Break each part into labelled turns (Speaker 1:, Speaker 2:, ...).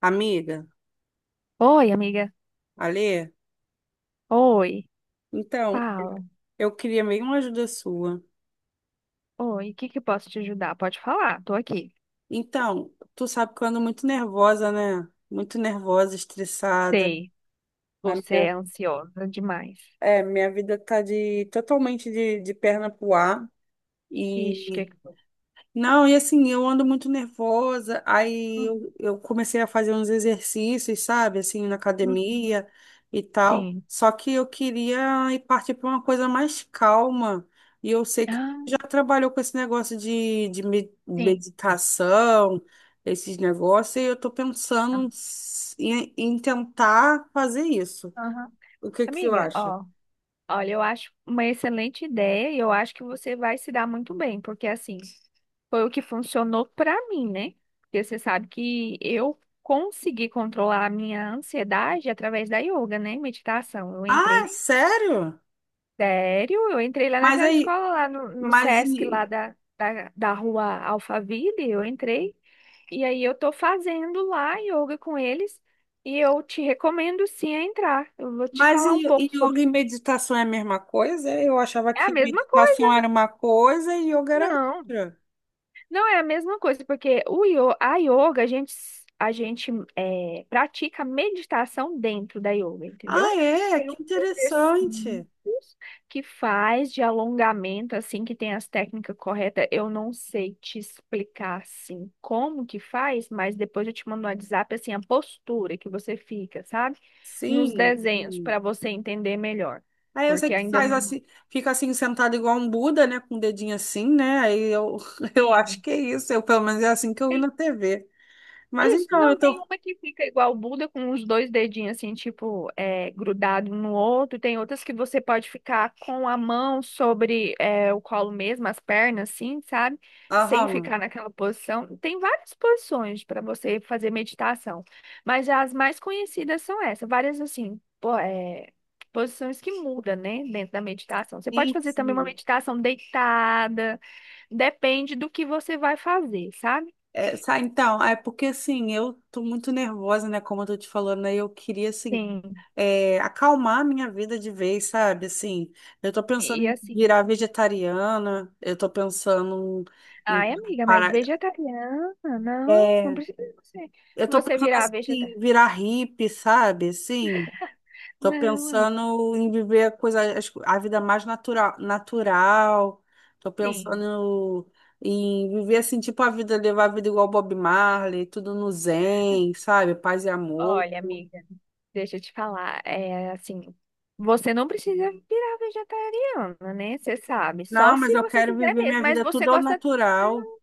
Speaker 1: Amiga,
Speaker 2: Oi, amiga.
Speaker 1: Alê,
Speaker 2: Oi,
Speaker 1: então,
Speaker 2: fala.
Speaker 1: eu queria meio uma ajuda sua.
Speaker 2: Oi, o que que eu posso te ajudar? Pode falar, tô aqui.
Speaker 1: Então, tu sabe que eu ando muito nervosa, né? Muito nervosa, estressada.
Speaker 2: Sei,
Speaker 1: A
Speaker 2: você é
Speaker 1: minha,
Speaker 2: ansiosa demais.
Speaker 1: minha vida tá totalmente de perna pro ar.
Speaker 2: Ixi,
Speaker 1: E
Speaker 2: que foi?
Speaker 1: Não, e assim, eu ando muito nervosa, aí
Speaker 2: Uhum,
Speaker 1: eu, eu comecei a fazer uns exercícios, sabe, assim, na
Speaker 2: uhum.
Speaker 1: academia e tal.
Speaker 2: Sim.
Speaker 1: Só que eu queria ir partir para uma coisa mais calma. E eu sei que
Speaker 2: Ah,
Speaker 1: já trabalhou com esse negócio de
Speaker 2: sim.
Speaker 1: meditação, esses negócios, e eu tô
Speaker 2: Ah,
Speaker 1: pensando em tentar fazer isso.
Speaker 2: aham.
Speaker 1: O que que você
Speaker 2: Amiga,
Speaker 1: acha?
Speaker 2: ó, olha, eu acho uma excelente ideia e eu acho que você vai se dar muito bem, porque assim, foi o que funcionou pra mim, né? Porque você sabe que eu consegui controlar a minha ansiedade através da yoga, né? Meditação. Eu
Speaker 1: Ah, é
Speaker 2: entrei.
Speaker 1: sério?
Speaker 2: Sério? Eu entrei lá
Speaker 1: Mas
Speaker 2: naquela
Speaker 1: aí,
Speaker 2: escola, lá no
Speaker 1: mas
Speaker 2: Sesc, lá
Speaker 1: e-
Speaker 2: da rua Alphaville, eu entrei. E aí eu tô fazendo lá yoga com eles. E eu te recomendo sim a entrar. Eu vou te
Speaker 1: Mas
Speaker 2: falar um
Speaker 1: e
Speaker 2: pouco
Speaker 1: yoga
Speaker 2: sobre.
Speaker 1: e meditação é a mesma coisa? Eu achava
Speaker 2: É a
Speaker 1: que
Speaker 2: mesma coisa.
Speaker 1: meditação era uma coisa e yoga era
Speaker 2: Não.
Speaker 1: outra.
Speaker 2: Não, é a mesma coisa, porque a yoga, a gente, a gente pratica meditação dentro da yoga, entendeu?
Speaker 1: Ah, é?
Speaker 2: Tem uns
Speaker 1: Que interessante.
Speaker 2: exercícios que faz de alongamento, assim, que tem as técnicas corretas. Eu não sei te explicar, assim, como que faz, mas depois eu te mando no WhatsApp, assim, a postura que você fica, sabe? Nos
Speaker 1: Sim,
Speaker 2: desenhos,
Speaker 1: sim.
Speaker 2: para você entender melhor,
Speaker 1: Aí eu sei
Speaker 2: porque
Speaker 1: que
Speaker 2: ainda
Speaker 1: faz
Speaker 2: não...
Speaker 1: assim, fica assim sentado igual um Buda, né? Com o dedinho assim, né? Aí eu, eu acho que é isso. Eu, pelo menos é assim que eu vi na
Speaker 2: Sim.
Speaker 1: TV. Mas
Speaker 2: Isso,
Speaker 1: então eu
Speaker 2: não, tem
Speaker 1: tô.
Speaker 2: uma que fica igual o Buda, com os dois dedinhos assim, tipo, grudado um no outro. Tem outras que você pode ficar com a mão sobre o colo mesmo, as pernas, assim, sabe? Sem
Speaker 1: Aham.
Speaker 2: ficar naquela posição. Tem várias posições para você fazer meditação, mas as mais conhecidas são essas, várias assim, posições que mudam, né, dentro da meditação. Você pode
Speaker 1: Sim,
Speaker 2: fazer também uma
Speaker 1: sim.
Speaker 2: meditação deitada, depende do que você vai fazer, sabe?
Speaker 1: Então, é porque assim, eu tô muito nervosa, né? Como eu tô te falando, aí eu queria assim
Speaker 2: Sim.
Speaker 1: é, acalmar a minha vida de vez, sabe? Assim, eu tô
Speaker 2: E
Speaker 1: pensando em
Speaker 2: assim,
Speaker 1: virar vegetariana, eu tô pensando em
Speaker 2: ai, amiga, mas
Speaker 1: parar,
Speaker 2: vegetariana? Não, não
Speaker 1: é,
Speaker 2: precisa você,
Speaker 1: eu tô
Speaker 2: você
Speaker 1: pensando
Speaker 2: virar
Speaker 1: assim,
Speaker 2: vegetariana.
Speaker 1: virar hippie, sabe? Assim, tô
Speaker 2: Não, amiga.
Speaker 1: pensando em viver a coisa, as co- a vida mais natural, natural. Tô
Speaker 2: Sim,
Speaker 1: pensando em viver assim, tipo a vida, levar a vida igual Bob Marley, tudo no zen, sabe? Paz e amor.
Speaker 2: olha, amiga, deixa eu te falar. É assim, você não precisa virar vegetariana, né? Você sabe, só
Speaker 1: Não, mas
Speaker 2: se
Speaker 1: eu
Speaker 2: você
Speaker 1: quero
Speaker 2: quiser
Speaker 1: viver
Speaker 2: mesmo.
Speaker 1: minha
Speaker 2: Mas
Speaker 1: vida
Speaker 2: você
Speaker 1: tudo ao
Speaker 2: gosta
Speaker 1: natural.
Speaker 2: tanto.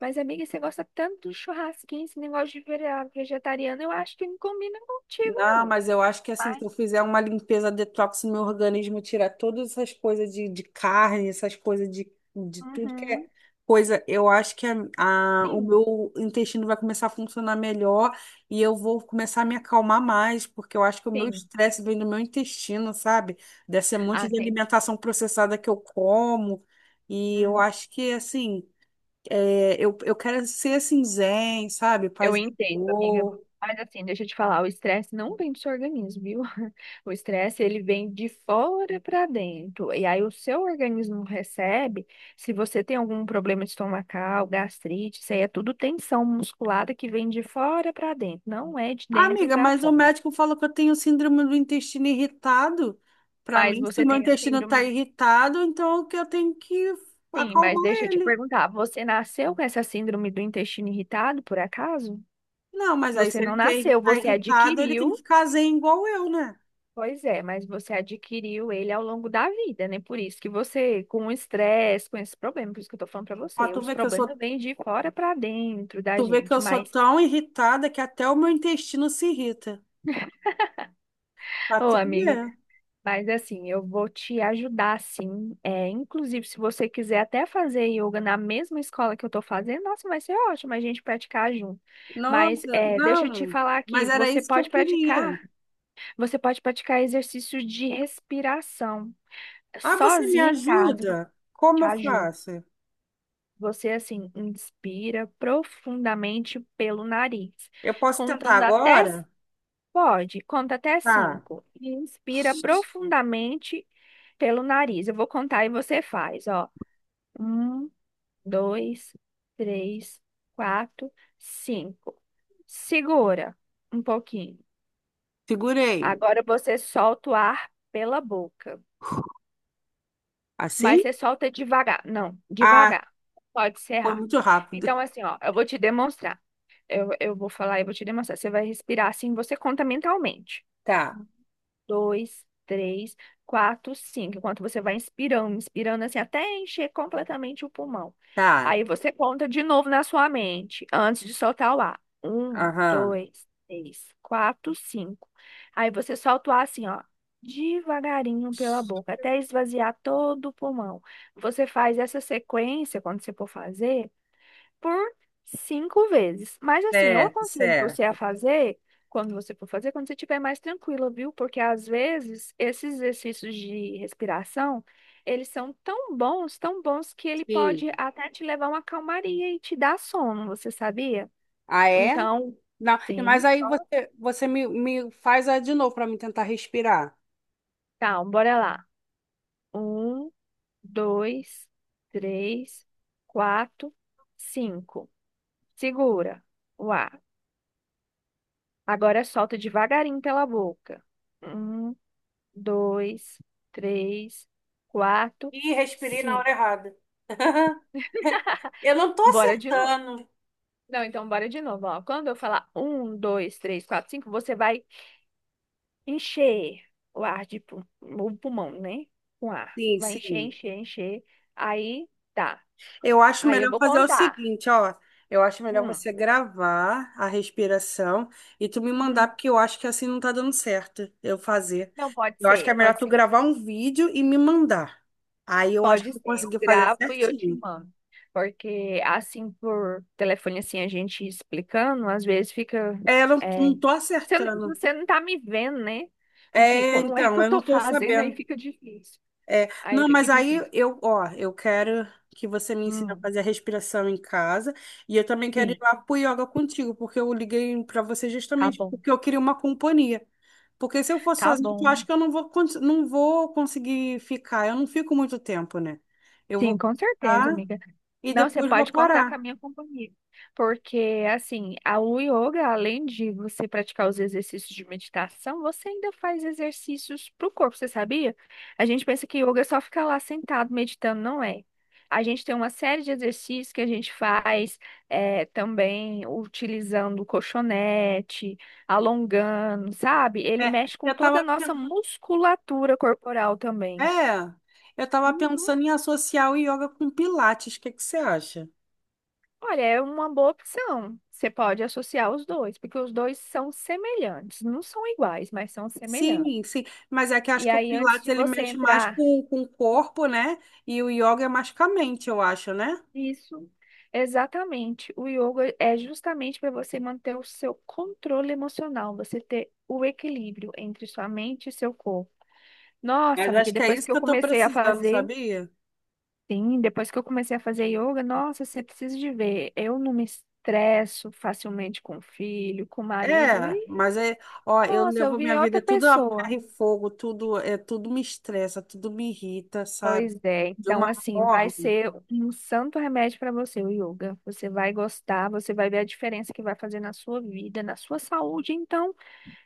Speaker 2: Mas, amiga, você gosta tanto do churrasquinho, esse negócio de virar vegetariana, eu acho que não combina contigo,
Speaker 1: Não,
Speaker 2: não.
Speaker 1: mas eu acho que assim,
Speaker 2: Mas,
Speaker 1: se eu fizer uma limpeza detox no meu organismo, tirar todas essas coisas de carne, essas coisas de tudo que
Speaker 2: uhum,
Speaker 1: é coisa, eu acho que o
Speaker 2: sim,
Speaker 1: meu intestino vai começar a funcionar melhor e eu vou começar a me acalmar mais, porque eu acho que o meu
Speaker 2: sim.
Speaker 1: estresse vem do meu intestino, sabe? Desse monte
Speaker 2: Ah,
Speaker 1: de
Speaker 2: tem.
Speaker 1: alimentação processada que eu como. E eu acho que assim, é, eu quero ser assim, zen, sabe?
Speaker 2: Eu
Speaker 1: Paz e
Speaker 2: entendo, amiga.
Speaker 1: amor.
Speaker 2: Mas assim, deixa eu te falar, o estresse não vem do seu organismo, viu? O estresse, ele vem de fora para dentro. E aí o seu organismo recebe, se você tem algum problema estomacal, gastrite, isso aí é tudo tensão musculada que vem de fora para dentro, não é de dentro
Speaker 1: Amiga,
Speaker 2: para
Speaker 1: mas o
Speaker 2: fora.
Speaker 1: médico falou que eu tenho síndrome do intestino irritado. Para
Speaker 2: Mas
Speaker 1: mim, se
Speaker 2: você
Speaker 1: o meu
Speaker 2: tem a
Speaker 1: intestino está
Speaker 2: síndrome,
Speaker 1: irritado, então o que eu tenho que
Speaker 2: sim, mas
Speaker 1: acalmar
Speaker 2: deixa eu te
Speaker 1: ele.
Speaker 2: perguntar, você nasceu com essa síndrome do intestino irritado, por acaso?
Speaker 1: Não, mas aí
Speaker 2: Você
Speaker 1: se ele
Speaker 2: não nasceu,
Speaker 1: está
Speaker 2: você
Speaker 1: irritado, ele tem que
Speaker 2: adquiriu.
Speaker 1: ficar zen igual eu, né?
Speaker 2: Pois é, mas você adquiriu ele ao longo da vida, né? Por isso que você, com o estresse, com esse problema, por isso que eu tô falando pra
Speaker 1: Ó,
Speaker 2: você,
Speaker 1: tu
Speaker 2: os
Speaker 1: vê que eu sou,
Speaker 2: problemas vêm de fora pra dentro da
Speaker 1: tu vê que
Speaker 2: gente,
Speaker 1: eu sou
Speaker 2: mas,
Speaker 1: tão irritada que até o meu intestino se irrita. Pra
Speaker 2: ô
Speaker 1: tu
Speaker 2: amiga,
Speaker 1: ver.
Speaker 2: mas assim, eu vou te ajudar sim, inclusive se você quiser até fazer yoga na mesma escola que eu tô fazendo, nossa, vai ser ótimo a gente praticar junto, mas
Speaker 1: Nossa,
Speaker 2: deixa eu te
Speaker 1: não.
Speaker 2: falar aqui,
Speaker 1: Mas era isso que eu queria.
Speaker 2: você pode praticar exercícios de respiração,
Speaker 1: Ah, você me
Speaker 2: sozinha em casa,
Speaker 1: ajuda? Como
Speaker 2: te
Speaker 1: eu
Speaker 2: ajuda.
Speaker 1: faço?
Speaker 2: Você, assim, inspira profundamente pelo nariz,
Speaker 1: Eu posso tentar
Speaker 2: contando até...
Speaker 1: agora?
Speaker 2: Pode, conta até
Speaker 1: Tá,
Speaker 2: cinco. E inspira profundamente pelo nariz. Eu vou contar e você faz, ó. Um, dois, três, quatro, cinco. Segura um pouquinho.
Speaker 1: segurei.
Speaker 2: Agora você solta o ar pela boca, mas
Speaker 1: Assim?
Speaker 2: você solta devagar. Não,
Speaker 1: Ah,
Speaker 2: devagar. Pode ser
Speaker 1: foi
Speaker 2: rápido.
Speaker 1: muito rápido.
Speaker 2: Então, assim, ó, eu vou te demonstrar. Eu vou falar e vou te demonstrar. Você vai respirar assim, você conta mentalmente.
Speaker 1: Tá,
Speaker 2: Um, dois, três, quatro, cinco. Enquanto você vai inspirando, inspirando assim, até encher completamente o pulmão.
Speaker 1: tá.
Speaker 2: Aí você conta de novo na sua mente, antes de soltar o ar. Um,
Speaker 1: Aham.
Speaker 2: dois, três, quatro, cinco. Aí você solta o ar assim, ó, devagarinho pela boca, até esvaziar todo o pulmão. Você faz essa sequência quando você for fazer por cinco vezes. Mas assim, eu
Speaker 1: Certo,
Speaker 2: aconselho você a
Speaker 1: certo.
Speaker 2: fazer quando você for fazer, quando você estiver mais tranquila, viu? Porque às vezes esses exercícios de respiração, eles são tão bons que ele pode
Speaker 1: Sim.
Speaker 2: até te levar a uma calmaria e te dar sono, você sabia?
Speaker 1: Ah, é?
Speaker 2: Então,
Speaker 1: Não, mas
Speaker 2: sim.
Speaker 1: aí você, você me faz a de novo para me tentar respirar.
Speaker 2: Tá, bora lá. Um, dois, três, quatro, cinco. Segura o ar. Agora solta devagarinho pela boca. Um, dois, três, quatro,
Speaker 1: Ih, respirei na
Speaker 2: cinco.
Speaker 1: hora errada. Eu não tô
Speaker 2: Bora de novo.
Speaker 1: acertando.
Speaker 2: Não, então bora de novo, ó. Quando eu falar um, dois, três, quatro, cinco, você vai encher o ar o pulmão, né? Com ar.
Speaker 1: Sim,
Speaker 2: Vai encher,
Speaker 1: sim.
Speaker 2: encher, encher. Aí tá.
Speaker 1: Eu acho
Speaker 2: Aí eu
Speaker 1: melhor
Speaker 2: vou
Speaker 1: fazer o
Speaker 2: contar.
Speaker 1: seguinte, ó. Eu acho melhor
Speaker 2: Hum,
Speaker 1: você gravar a respiração e tu me mandar,
Speaker 2: uhum.
Speaker 1: porque eu acho que assim não tá dando certo eu fazer.
Speaker 2: Não, pode
Speaker 1: Eu acho que é
Speaker 2: ser,
Speaker 1: melhor
Speaker 2: pode
Speaker 1: tu
Speaker 2: ser.
Speaker 1: gravar um vídeo e me mandar. Aí eu acho que
Speaker 2: Pode
Speaker 1: eu vou
Speaker 2: ser. Eu
Speaker 1: conseguir fazer
Speaker 2: gravo e eu te
Speaker 1: certinho.
Speaker 2: mando. Porque assim, por telefone, assim, a gente explicando, às vezes fica
Speaker 1: É, eu não,
Speaker 2: é,
Speaker 1: não tô
Speaker 2: você,
Speaker 1: acertando.
Speaker 2: você não tá me vendo, né? Em que
Speaker 1: É,
Speaker 2: como é que
Speaker 1: então,
Speaker 2: eu
Speaker 1: eu não
Speaker 2: tô
Speaker 1: tô
Speaker 2: fazendo, aí
Speaker 1: sabendo.
Speaker 2: fica difícil.
Speaker 1: É,
Speaker 2: Aí
Speaker 1: não,
Speaker 2: fica
Speaker 1: mas aí
Speaker 2: difícil.
Speaker 1: eu, ó, eu quero que você me ensine a
Speaker 2: Hum,
Speaker 1: fazer a respiração em casa e eu também quero ir
Speaker 2: sim,
Speaker 1: lá pro yoga contigo, porque eu liguei para você
Speaker 2: tá
Speaker 1: justamente
Speaker 2: bom.
Speaker 1: porque eu queria uma companhia. Porque se eu for
Speaker 2: Tá
Speaker 1: sozinha, eu
Speaker 2: bom.
Speaker 1: acho que eu não não vou conseguir ficar. Eu não fico muito tempo, né? Eu
Speaker 2: Sim,
Speaker 1: vou
Speaker 2: com certeza,
Speaker 1: ficar
Speaker 2: amiga.
Speaker 1: e
Speaker 2: Não, você
Speaker 1: depois vou
Speaker 2: pode contar
Speaker 1: parar.
Speaker 2: com a minha companhia. Porque, assim, o yoga, além de você praticar os exercícios de meditação, você ainda faz exercícios para o corpo, você sabia? A gente pensa que yoga é só ficar lá sentado meditando, não é? A gente tem uma série de exercícios que a gente faz também utilizando colchonete, alongando, sabe? Ele
Speaker 1: É,
Speaker 2: mexe com
Speaker 1: eu
Speaker 2: toda a
Speaker 1: tava,
Speaker 2: nossa
Speaker 1: pen-
Speaker 2: musculatura corporal também.
Speaker 1: é, eu tava pensando em associar o yoga com pilates. O que que você acha?
Speaker 2: Olha, é uma boa opção. Você pode associar os dois, porque os dois são semelhantes. Não são iguais, mas são semelhantes.
Speaker 1: Sim, sim. Mas é que acho
Speaker 2: E
Speaker 1: que o
Speaker 2: aí, antes
Speaker 1: Pilates
Speaker 2: de
Speaker 1: ele
Speaker 2: você
Speaker 1: mexe mais
Speaker 2: entrar,
Speaker 1: com o corpo, né? E o yoga é mais com a mente, eu acho, né?
Speaker 2: isso, exatamente. O yoga é justamente para você manter o seu controle emocional, você ter o equilíbrio entre sua mente e seu corpo. Nossa,
Speaker 1: Mas
Speaker 2: amiga,
Speaker 1: acho que é
Speaker 2: depois
Speaker 1: isso
Speaker 2: que
Speaker 1: que
Speaker 2: eu
Speaker 1: eu tô
Speaker 2: comecei a
Speaker 1: precisando,
Speaker 2: fazer,
Speaker 1: sabia?
Speaker 2: sim, depois que eu comecei a fazer yoga, nossa, você precisa de ver. Eu não me estresso facilmente com o filho, com o marido.
Speaker 1: É,
Speaker 2: E
Speaker 1: mas é, ó, eu
Speaker 2: nossa, eu
Speaker 1: levo minha
Speaker 2: virei
Speaker 1: vida
Speaker 2: outra
Speaker 1: tudo a ferro
Speaker 2: pessoa.
Speaker 1: e fogo, tudo é, tudo me estressa, tudo me irrita, sabe?
Speaker 2: Pois é,
Speaker 1: De
Speaker 2: então
Speaker 1: uma
Speaker 2: assim, vai
Speaker 1: forma
Speaker 2: ser um santo remédio para você, o yoga. Você vai gostar, você vai ver a diferença que vai fazer na sua vida, na sua saúde, então,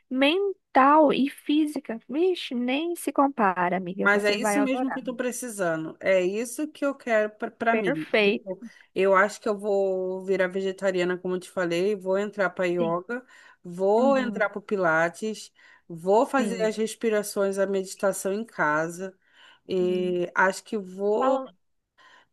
Speaker 2: mental e física. Vixe, nem se compara, amiga.
Speaker 1: Mas é
Speaker 2: Você vai
Speaker 1: isso mesmo que
Speaker 2: adorar.
Speaker 1: eu tô precisando. É isso que eu quero pra pra mim. Tipo,
Speaker 2: Perfeito.
Speaker 1: eu acho que eu vou virar vegetariana, como eu te falei, vou entrar para
Speaker 2: Sim.
Speaker 1: yoga, vou entrar
Speaker 2: Uhum.
Speaker 1: para pilates, vou fazer as
Speaker 2: Sim.
Speaker 1: respirações, a meditação em casa.
Speaker 2: Sim.
Speaker 1: E acho que vou.
Speaker 2: Fala.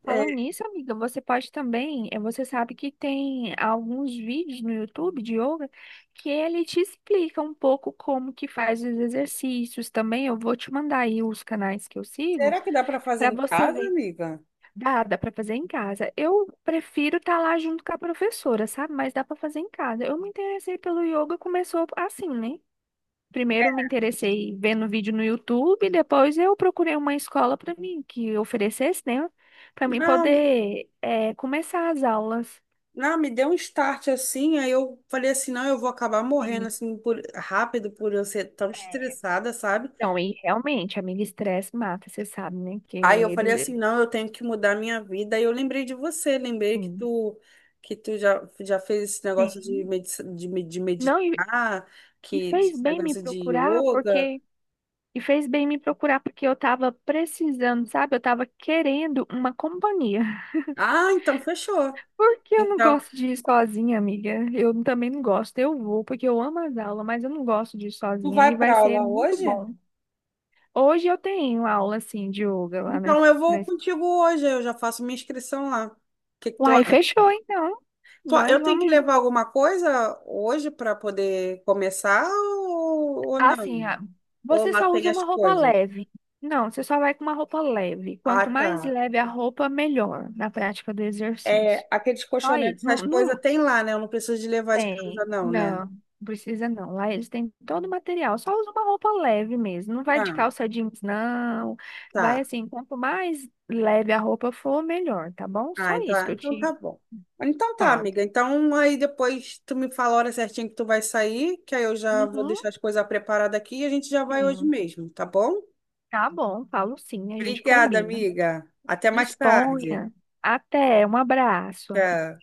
Speaker 1: é,
Speaker 2: Falam nisso, amiga, você pode também, você sabe que tem alguns vídeos no YouTube de yoga que ele te explica um pouco como que faz os exercícios também. Eu vou te mandar aí os canais que eu sigo
Speaker 1: Será que dá para fazer
Speaker 2: para
Speaker 1: em
Speaker 2: você
Speaker 1: casa,
Speaker 2: ver.
Speaker 1: amiga?
Speaker 2: Dá, dá para fazer em casa. Eu prefiro estar lá junto com a professora, sabe? Mas dá para fazer em casa. Eu me interessei pelo yoga, começou assim, né? Primeiro me interessei vendo vídeo no YouTube, depois eu procurei uma escola para mim que oferecesse, né, para mim
Speaker 1: Não,
Speaker 2: poder começar as aulas.
Speaker 1: não, me deu um start assim, aí eu falei assim, não, eu vou acabar morrendo
Speaker 2: Sim,
Speaker 1: assim por, rápido por eu ser tão
Speaker 2: é,
Speaker 1: estressada, sabe?
Speaker 2: não, e realmente, amiga, estresse mata, você sabe, né? Que
Speaker 1: Aí eu falei assim,
Speaker 2: ele,
Speaker 1: não, eu tenho que mudar minha vida. Aí eu lembrei de você, lembrei que
Speaker 2: sim,
Speaker 1: tu que tu já, já fez esse negócio
Speaker 2: sim,
Speaker 1: de
Speaker 2: não,
Speaker 1: meditar,
Speaker 2: e
Speaker 1: que
Speaker 2: fez
Speaker 1: esse
Speaker 2: bem me
Speaker 1: negócio de
Speaker 2: procurar,
Speaker 1: yoga.
Speaker 2: porque. E fez bem me procurar, porque eu tava precisando, sabe? Eu tava querendo uma companhia.
Speaker 1: Ah, então fechou.
Speaker 2: Por que eu não
Speaker 1: Então,
Speaker 2: gosto de ir sozinha, amiga? Eu também não gosto. Eu vou porque eu amo as aulas, mas eu não gosto de ir
Speaker 1: tu
Speaker 2: sozinha e
Speaker 1: vai
Speaker 2: vai
Speaker 1: para
Speaker 2: ser
Speaker 1: aula
Speaker 2: muito
Speaker 1: hoje?
Speaker 2: bom. Hoje eu tenho aula assim de yoga lá na,
Speaker 1: Então eu vou
Speaker 2: na...
Speaker 1: contigo hoje, eu já faço minha inscrição lá. O que que tu
Speaker 2: Uai,
Speaker 1: acha?
Speaker 2: fechou então. Nós
Speaker 1: Eu tenho que
Speaker 2: vamos
Speaker 1: levar alguma coisa hoje para poder começar ou
Speaker 2: assim,
Speaker 1: não?
Speaker 2: ah,
Speaker 1: Ou
Speaker 2: você
Speaker 1: lá
Speaker 2: só
Speaker 1: tem
Speaker 2: usa
Speaker 1: as
Speaker 2: uma roupa
Speaker 1: coisas?
Speaker 2: leve. Não, você só vai com uma roupa leve.
Speaker 1: Ah,
Speaker 2: Quanto mais
Speaker 1: tá.
Speaker 2: leve a roupa, melhor na prática do
Speaker 1: É,
Speaker 2: exercício.
Speaker 1: aqueles
Speaker 2: Aí,
Speaker 1: colchonetes, essas
Speaker 2: não,
Speaker 1: coisas
Speaker 2: não,
Speaker 1: tem lá, né? Eu não preciso de levar de casa,
Speaker 2: tem.
Speaker 1: não, né?
Speaker 2: Não, precisa não. Lá eles têm todo o material. Só usa uma roupa leve mesmo. Não vai de
Speaker 1: Ah,
Speaker 2: calça jeans, não. Vai
Speaker 1: tá.
Speaker 2: assim, quanto mais leve a roupa for, melhor, tá bom? Só
Speaker 1: Ah, então,
Speaker 2: isso
Speaker 1: ah,
Speaker 2: que eu
Speaker 1: então tá
Speaker 2: te
Speaker 1: bom. Então tá,
Speaker 2: falo.
Speaker 1: amiga. Então aí depois tu me fala a hora certinha que tu vai sair, que aí eu já vou
Speaker 2: Uhum,
Speaker 1: deixar as coisas preparadas aqui e a gente já vai hoje
Speaker 2: sim.
Speaker 1: mesmo, tá bom?
Speaker 2: Tá bom, falo sim, a gente
Speaker 1: Obrigada,
Speaker 2: combina.
Speaker 1: amiga. Até mais tarde.
Speaker 2: Disponha. Até, um abraço.
Speaker 1: Tchau.